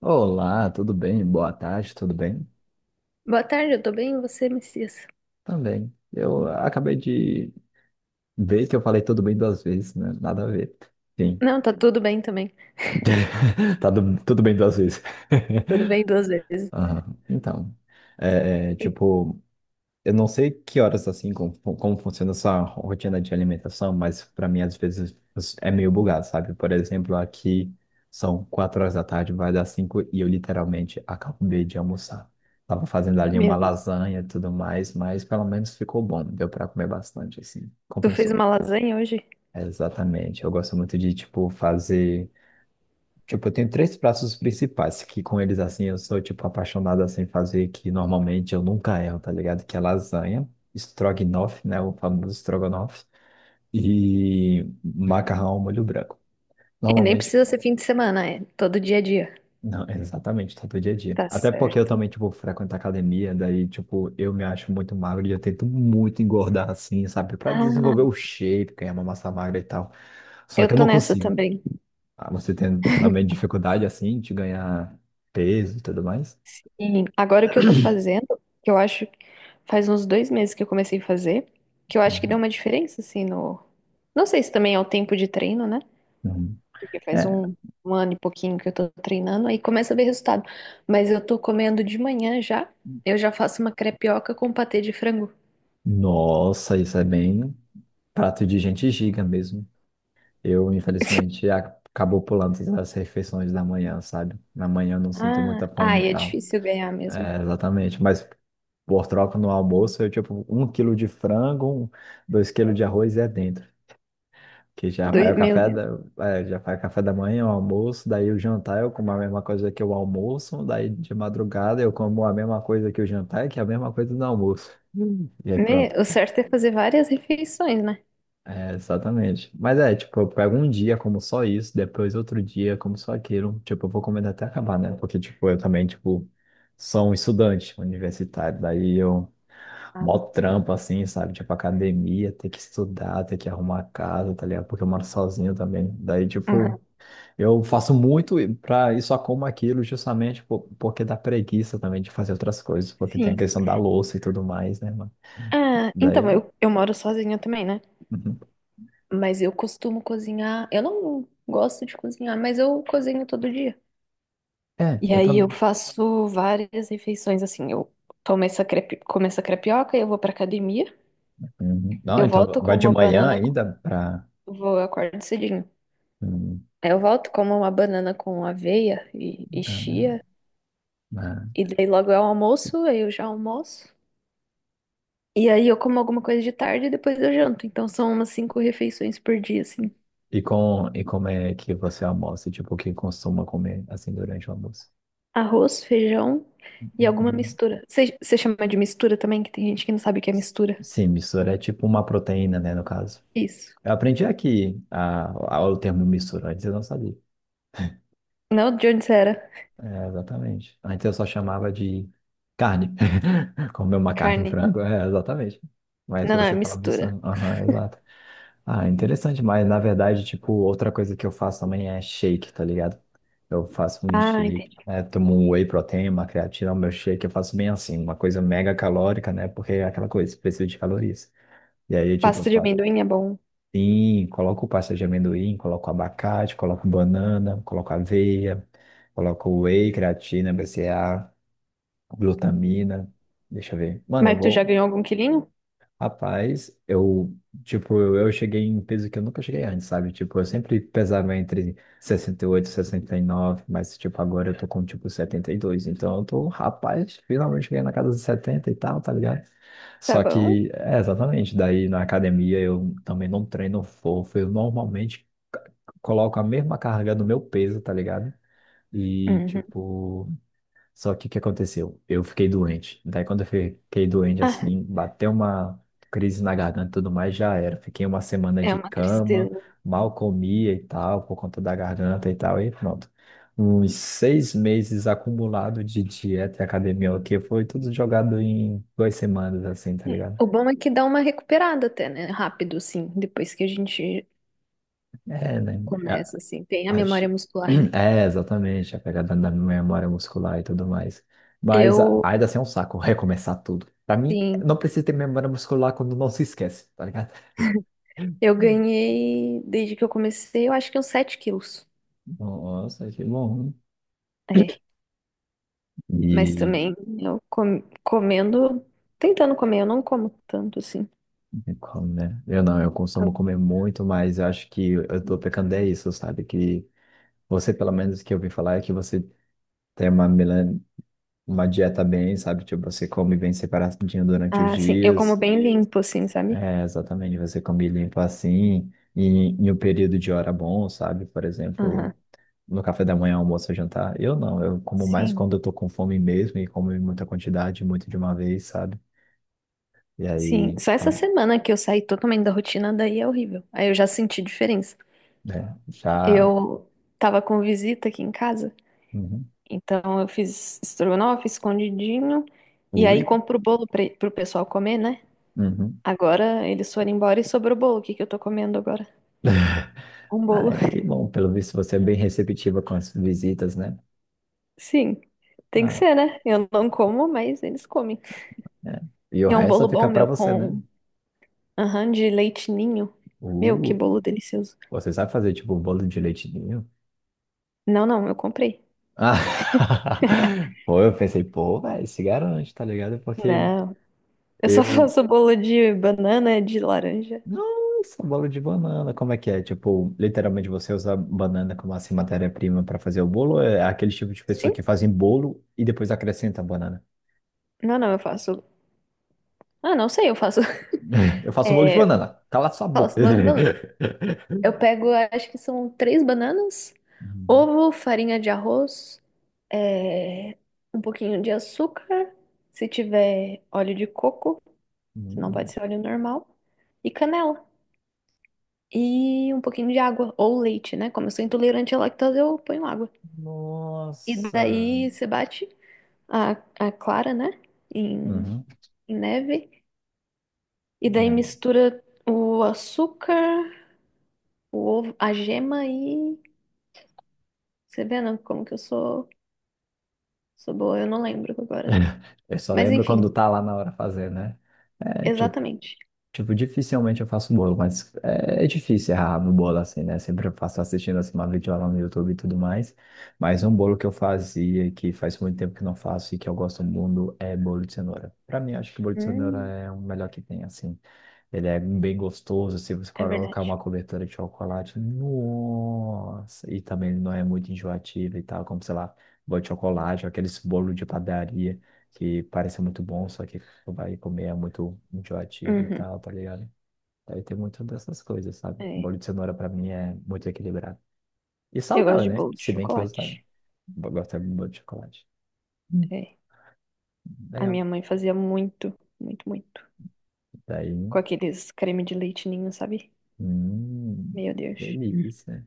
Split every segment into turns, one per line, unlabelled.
Olá, tudo bem? Boa tarde, tudo bem?
Boa tarde, eu tô bem, e você, Messias?
Também. Eu acabei de ver que eu falei tudo bem duas vezes, né? Nada a ver. Sim,
Não, tá tudo bem também.
tá tudo bem duas vezes.
Tudo bem duas vezes.
Aham. Então,
E-
tipo, eu não sei que horas assim, como funciona essa rotina de alimentação, mas para mim às vezes é meio bugado, sabe? Por exemplo, aqui são 4 horas da tarde, vai dar cinco e eu literalmente acabei de almoçar. Tava fazendo ali
Meu
uma
Deus.
lasanha e tudo mais, mas pelo menos ficou bom, deu para comer bastante, assim,
Tu fez
compensou.
uma lasanha hoje?
É, exatamente. Eu gosto muito de, tipo, fazer. Tipo, eu tenho três pratos principais, que com eles, assim, eu sou, tipo, apaixonado, assim, fazer, que normalmente eu nunca erro, tá ligado? Que é lasanha, estrogonofe, né, o famoso estrogonofe, e macarrão ao molho branco.
E nem
Normalmente,
precisa ser fim de semana, é todo dia a dia.
não, exatamente, tá do dia a dia.
Tá
Até porque eu
certo.
também, tipo, frequento academia, daí, tipo, eu me acho muito magro e eu tento muito engordar, assim, sabe? Pra
Ah,
desenvolver o shape, ganhar uma massa magra e tal. Só
eu
que eu
tô
não
nessa
consigo.
também.
Ah, você tem também dificuldade, assim, de ganhar peso e tudo mais?
E agora o que eu tô fazendo, que eu acho que faz uns 2 meses que eu comecei a fazer, que eu acho que deu uma diferença, assim, no. Não sei se também é o tempo de treino, né?
Uhum.
Porque faz
É,
1 ano e pouquinho que eu tô treinando, aí começa a ver resultado. Mas eu tô comendo de manhã já, eu já faço uma crepioca com patê de frango.
nossa, isso é bem prato de gente giga mesmo. Eu, infelizmente, acabou pulando as refeições da manhã, sabe? Na manhã eu não sinto
Ah,
muita fome e
ai, é
tal.
difícil ganhar mesmo.
É, exatamente. Mas por troca no almoço, eu tipo, um quilo de frango, 2 quilos de arroz e é dentro. Que já vai
Dois,
o
meu
café
Deus.
da, já vai o café da manhã, o almoço, daí o jantar eu como a mesma coisa que o almoço, daí de madrugada eu como a mesma coisa que o jantar, que é a mesma coisa do almoço. Hum. E aí
Me-
pronto.
o certo é fazer várias refeições, né?
É, exatamente. Mas é, tipo, eu pego um dia como só isso, depois outro dia como só aquilo. Tipo, eu vou comendo até acabar, né? Porque, tipo, eu também, tipo, sou um estudante universitário. Daí eu,
Ah,
mó trampo, assim, sabe? Tipo, academia, ter que estudar, ter que arrumar a casa, tá ligado? Porque eu moro sozinho também. Daí,
aham.
tipo, eu faço muito pra isso, só como aquilo, justamente porque dá preguiça também de fazer outras coisas. Porque tem a
Sim.
questão da louça e tudo mais, né, mano?
Ah,
Daí eu
então,
não.
eu moro sozinha também, né?
Uhum.
Mas eu costumo cozinhar. Eu não gosto de cozinhar, mas eu cozinho todo dia.
É,
E
eu
aí eu
tô.
faço várias refeições, assim. Eu tomo essa crepe, como essa crepioca, eu vou pra academia.
Uhum. Não,
Eu
então
volto com
vai de
uma
manhã
banana, com-
ainda para.
vou eu acordo cedinho.
Hum.
Eu volto como uma banana com aveia e chia,
Ah.
e daí logo é o almoço, aí eu já almoço. E aí eu como alguma coisa de tarde e depois eu janto. Então são umas 5 refeições por dia, assim.
E com e como é que você almoça? Tipo, o que costuma comer assim durante o almoço?
Arroz, feijão e alguma
Uhum.
mistura. Você chama de mistura também, que tem gente que não sabe o que é mistura.
Sim, mistura é tipo uma proteína, né, no caso.
Isso.
Eu aprendi aqui a- o termo mistura, antes eu não sabia.
Não, de onde você era?
É, exatamente. Antes eu só chamava de carne. Comer uma carne, um
Carne.
frango, é, exatamente. Mas
Não, não, é
você fala
mistura.
mistura, aham, exato. Ah, interessante, mas na verdade, tipo, outra coisa que eu faço também é shake, tá ligado? Eu faço um
Ah,
shake,
entendi.
é, tomo um whey protein, uma creatina, o meu shake eu faço bem assim, uma coisa mega calórica, né? Porque é aquela coisa, preciso de calorias. E aí, tipo, eu
Pasta de
faço
amendoim é bom.
sim, coloco pasta de amendoim, coloco abacate, coloco banana, coloco aveia, coloco whey, creatina, BCA, glutamina. Deixa eu ver. Mano, eu
Mas tu já
vou
ganhou algum quilinho?
Rapaz, eu, tipo, eu cheguei em peso que eu nunca cheguei antes, sabe? Tipo, eu sempre pesava entre 68 e 69 mas, tipo, agora eu tô com, tipo, 72 Então, eu tô, rapaz, finalmente cheguei na casa dos 70 e tal, tá ligado?
Tá
Só
bom.
que, é, exatamente, daí na academia eu também não treino fofo, eu normalmente coloco a mesma carga do meu peso, tá ligado? E,
Uhum.
tipo, só que o que aconteceu? Eu fiquei doente. Daí quando eu fiquei doente
Ah,
assim, bateu uma crise na garganta e tudo mais, já era. Fiquei uma semana
é
de
uma
cama,
tristeza.
mal comia e tal, por conta da garganta e tal, e pronto. Uns 6 meses acumulado de dieta e academia, o que foi tudo jogado em 2 semanas, assim, tá
É.
ligado?
O bom é que dá uma recuperada até, né? Rápido, assim, depois que a gente
É, né?
começa, assim, tem a memória
Acho...
muscular, né?
É, exatamente, a pegada da memória muscular e tudo mais. Mas a-
Eu,
ainda assim é um saco recomeçar tudo. Pra mim,
sim,
não precisa ter memória muscular quando não se esquece, tá ligado?
eu
Hum.
ganhei, desde que eu comecei, eu acho que uns 7 quilos.
Nossa, que bom.
É, mas
E
também eu comendo, tentando comer, eu não como tanto, assim.
e como, né? Eu não, eu consumo comer muito, mas eu acho que eu tô pecando é isso, sabe? Que você, pelo menos que eu ouvi falar, é que você tem uma, uma dieta bem, sabe? Tipo, você come bem separadinho durante os
Ah, sim, eu como
dias.
bem limpo, assim, sabe?
É, exatamente, você come limpo assim, e em um período de hora bom, sabe? Por
Aham.
exemplo, no café da manhã, almoço, jantar. Eu não, eu como mais
Sim,
quando eu tô com fome mesmo, e como em muita quantidade, muito de uma vez, sabe? E
sim.
aí,
Só essa
tá,
semana que eu saí totalmente da rotina, daí é horrível. Aí eu já senti diferença.
né, já...
Eu tava com visita aqui em casa,
Uhum.
então eu fiz estrogonofe, escondidinho, e aí
Ui,
compro o bolo pra, pro pessoal comer, né?
uhum.
Agora eles foram embora e sobrou o bolo. O que que eu tô comendo agora? Um bolo.
Ah, é, que bom, pelo visto você é bem receptiva com as visitas, né?
Sim, tem que
Ah,
ser, né? Eu não como, mas eles comem.
é. E o
E é um
resto
bolo
fica
bom,
pra
meu,
você, né?
com aham, de leite ninho. Meu, que
Uh,
bolo delicioso.
Você sabe fazer, tipo, um bolo de leite ninho?
Não, não, eu comprei.
Ah, pô, eu pensei, pô, velho, se garante, tá ligado? Porque
Não, eu só
eu.
faço bolo de banana, de laranja.
Nossa, bolo de banana, como é que é? Tipo, literalmente você usa banana como assim matéria-prima pra fazer o bolo? Ou é aquele tipo de pessoa
Sim?
que fazem bolo e depois acrescenta banana.
Não, não, eu faço. Ah, não sei, eu faço.
Eu faço bolo de
É,
banana, cala sua boca.
faço bolo de banana. Eu pego, acho que são 3 bananas,
Uhum.
ovo, farinha de arroz, é, um pouquinho de açúcar, se tiver óleo de coco, se não pode
Uhum.
ser óleo normal, e canela. E um pouquinho de água, ou leite, né? Como eu sou intolerante à lactose, eu ponho água. E
Nossa.
daí você bate a, a clara, né? Em,
Uhum.
em neve. E daí
É.
mistura o açúcar, o ovo, a gema e você vê, né, como que sou boa? Eu não lembro agora.
Eu só
Mas
lembro quando
enfim,
tá lá na hora fazer, né? É tipo,
exatamente.
Dificilmente eu faço bolo, mas é, é difícil errar no bolo assim, né? Sempre eu faço assistindo assim uma videoaula no YouTube e tudo mais. Mas um bolo que eu fazia, que faz muito tempo que não faço e que eu gosto muito, é bolo de cenoura. Pra mim, acho que bolo de cenoura
Hum,
é o melhor que tem, assim. Ele é bem gostoso, se você
é
colocar
verdade.
uma cobertura de chocolate, nossa! E também ele não é muito enjoativo e tal, como, sei lá, bolo de chocolate, ou aqueles bolos de padaria que parecem muito bons, só que o vai comer é muito enjoativo e
Uhum,
tal, tá ligado? Aí tem muito dessas coisas, sabe? O
é.
bolo de cenoura pra mim é muito equilibrado. E
Eu gosto
saudável,
de
né?
bolo de
Se bem que eu
chocolate.
gosto de bolo de chocolate. Hum.
É. A
Legal.
minha mãe fazia muito, muito, muito.
Daí,
Com aqueles creme de leite ninho, sabe?
hum,
Meu Deus.
delícia.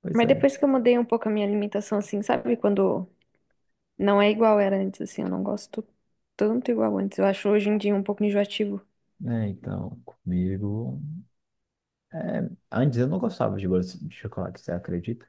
Pois
Mas
é.
depois que eu mudei um pouco a minha alimentação, assim, sabe? Quando não é igual era antes, assim, eu não gosto tanto igual antes. Eu acho hoje em dia um pouco enjoativo.
É, então, comigo. É, antes eu não gostava de bolo de chocolate, você acredita?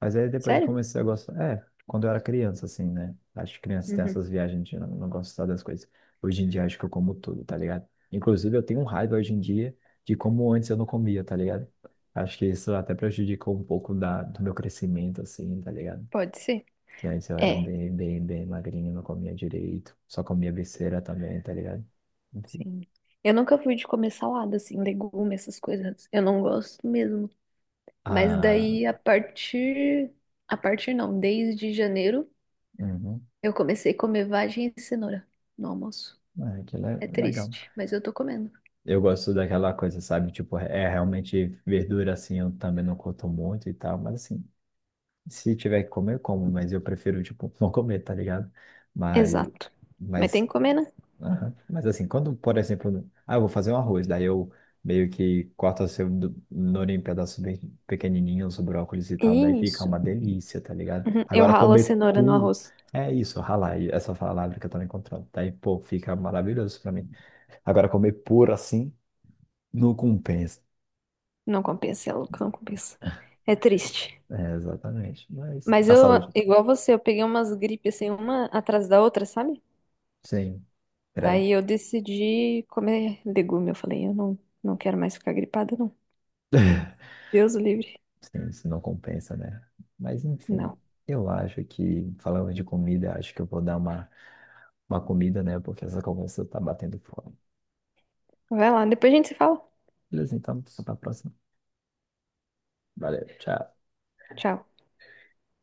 Mas aí depois eu
Sério?
comecei a gostar. É, quando eu era criança, assim, né? Acho que criança tem
Uhum.
essas viagens de não gostar das coisas. Hoje em dia acho que eu como tudo, tá ligado? Inclusive eu tenho um raiva hoje em dia de como antes eu não comia, tá ligado? Acho que isso até prejudicou um pouco da, do meu crescimento, assim, tá ligado?
Pode ser.
Que antes eu era
É.
bem, bem, bem magrinho, não comia direito. Só comia besteira também, tá ligado? Enfim.
Sim. Eu nunca fui de comer salada, assim, legume, essas coisas. Eu não gosto mesmo. Mas
Ah,
daí, a partir. A partir não, desde janeiro,
uhum.
eu comecei a comer vagem e cenoura no almoço.
É, que
É
legal.
triste, mas eu tô comendo.
Eu gosto daquela coisa, sabe? Tipo, é realmente verdura assim, eu também não curto muito e tal, mas assim, se tiver que comer, eu como, mas eu prefiro, tipo, não comer, tá ligado? Mas,
Exato. Mas tem
mas,
que comer, né?
aham. Mas assim, quando, por exemplo, ah, eu vou fazer um arroz, daí eu meio que corto assim, o cenoura em pedaços bem pequenininhos, brócolis e tal, daí fica
Isso.
uma delícia, tá ligado?
Uhum. Eu
Agora,
ralo a
comer
cenoura no
puro.
arroz.
É isso, ralai, essa palavra que eu tô encontrando. Daí, pô, fica maravilhoso pra mim. Agora, comer puro assim, não compensa.
Não compensa, é louco, não compensa. É triste.
É, exatamente. Mas
Mas
a
eu,
saúde,
igual você, eu peguei umas gripes assim, uma atrás da outra, sabe?
sim, credo.
Daí eu decidi comer legume. Eu falei, eu não, não quero mais ficar gripada, não. Deus o livre.
Sim, isso não compensa, né? Mas enfim,
Não.
eu acho que, falando de comida, acho que eu vou dar uma comida, né? Porque essa conversa tá batendo fome.
Vai lá, depois a gente se fala.
Beleza, então, até a próxima. Valeu, tchau.
Tchau.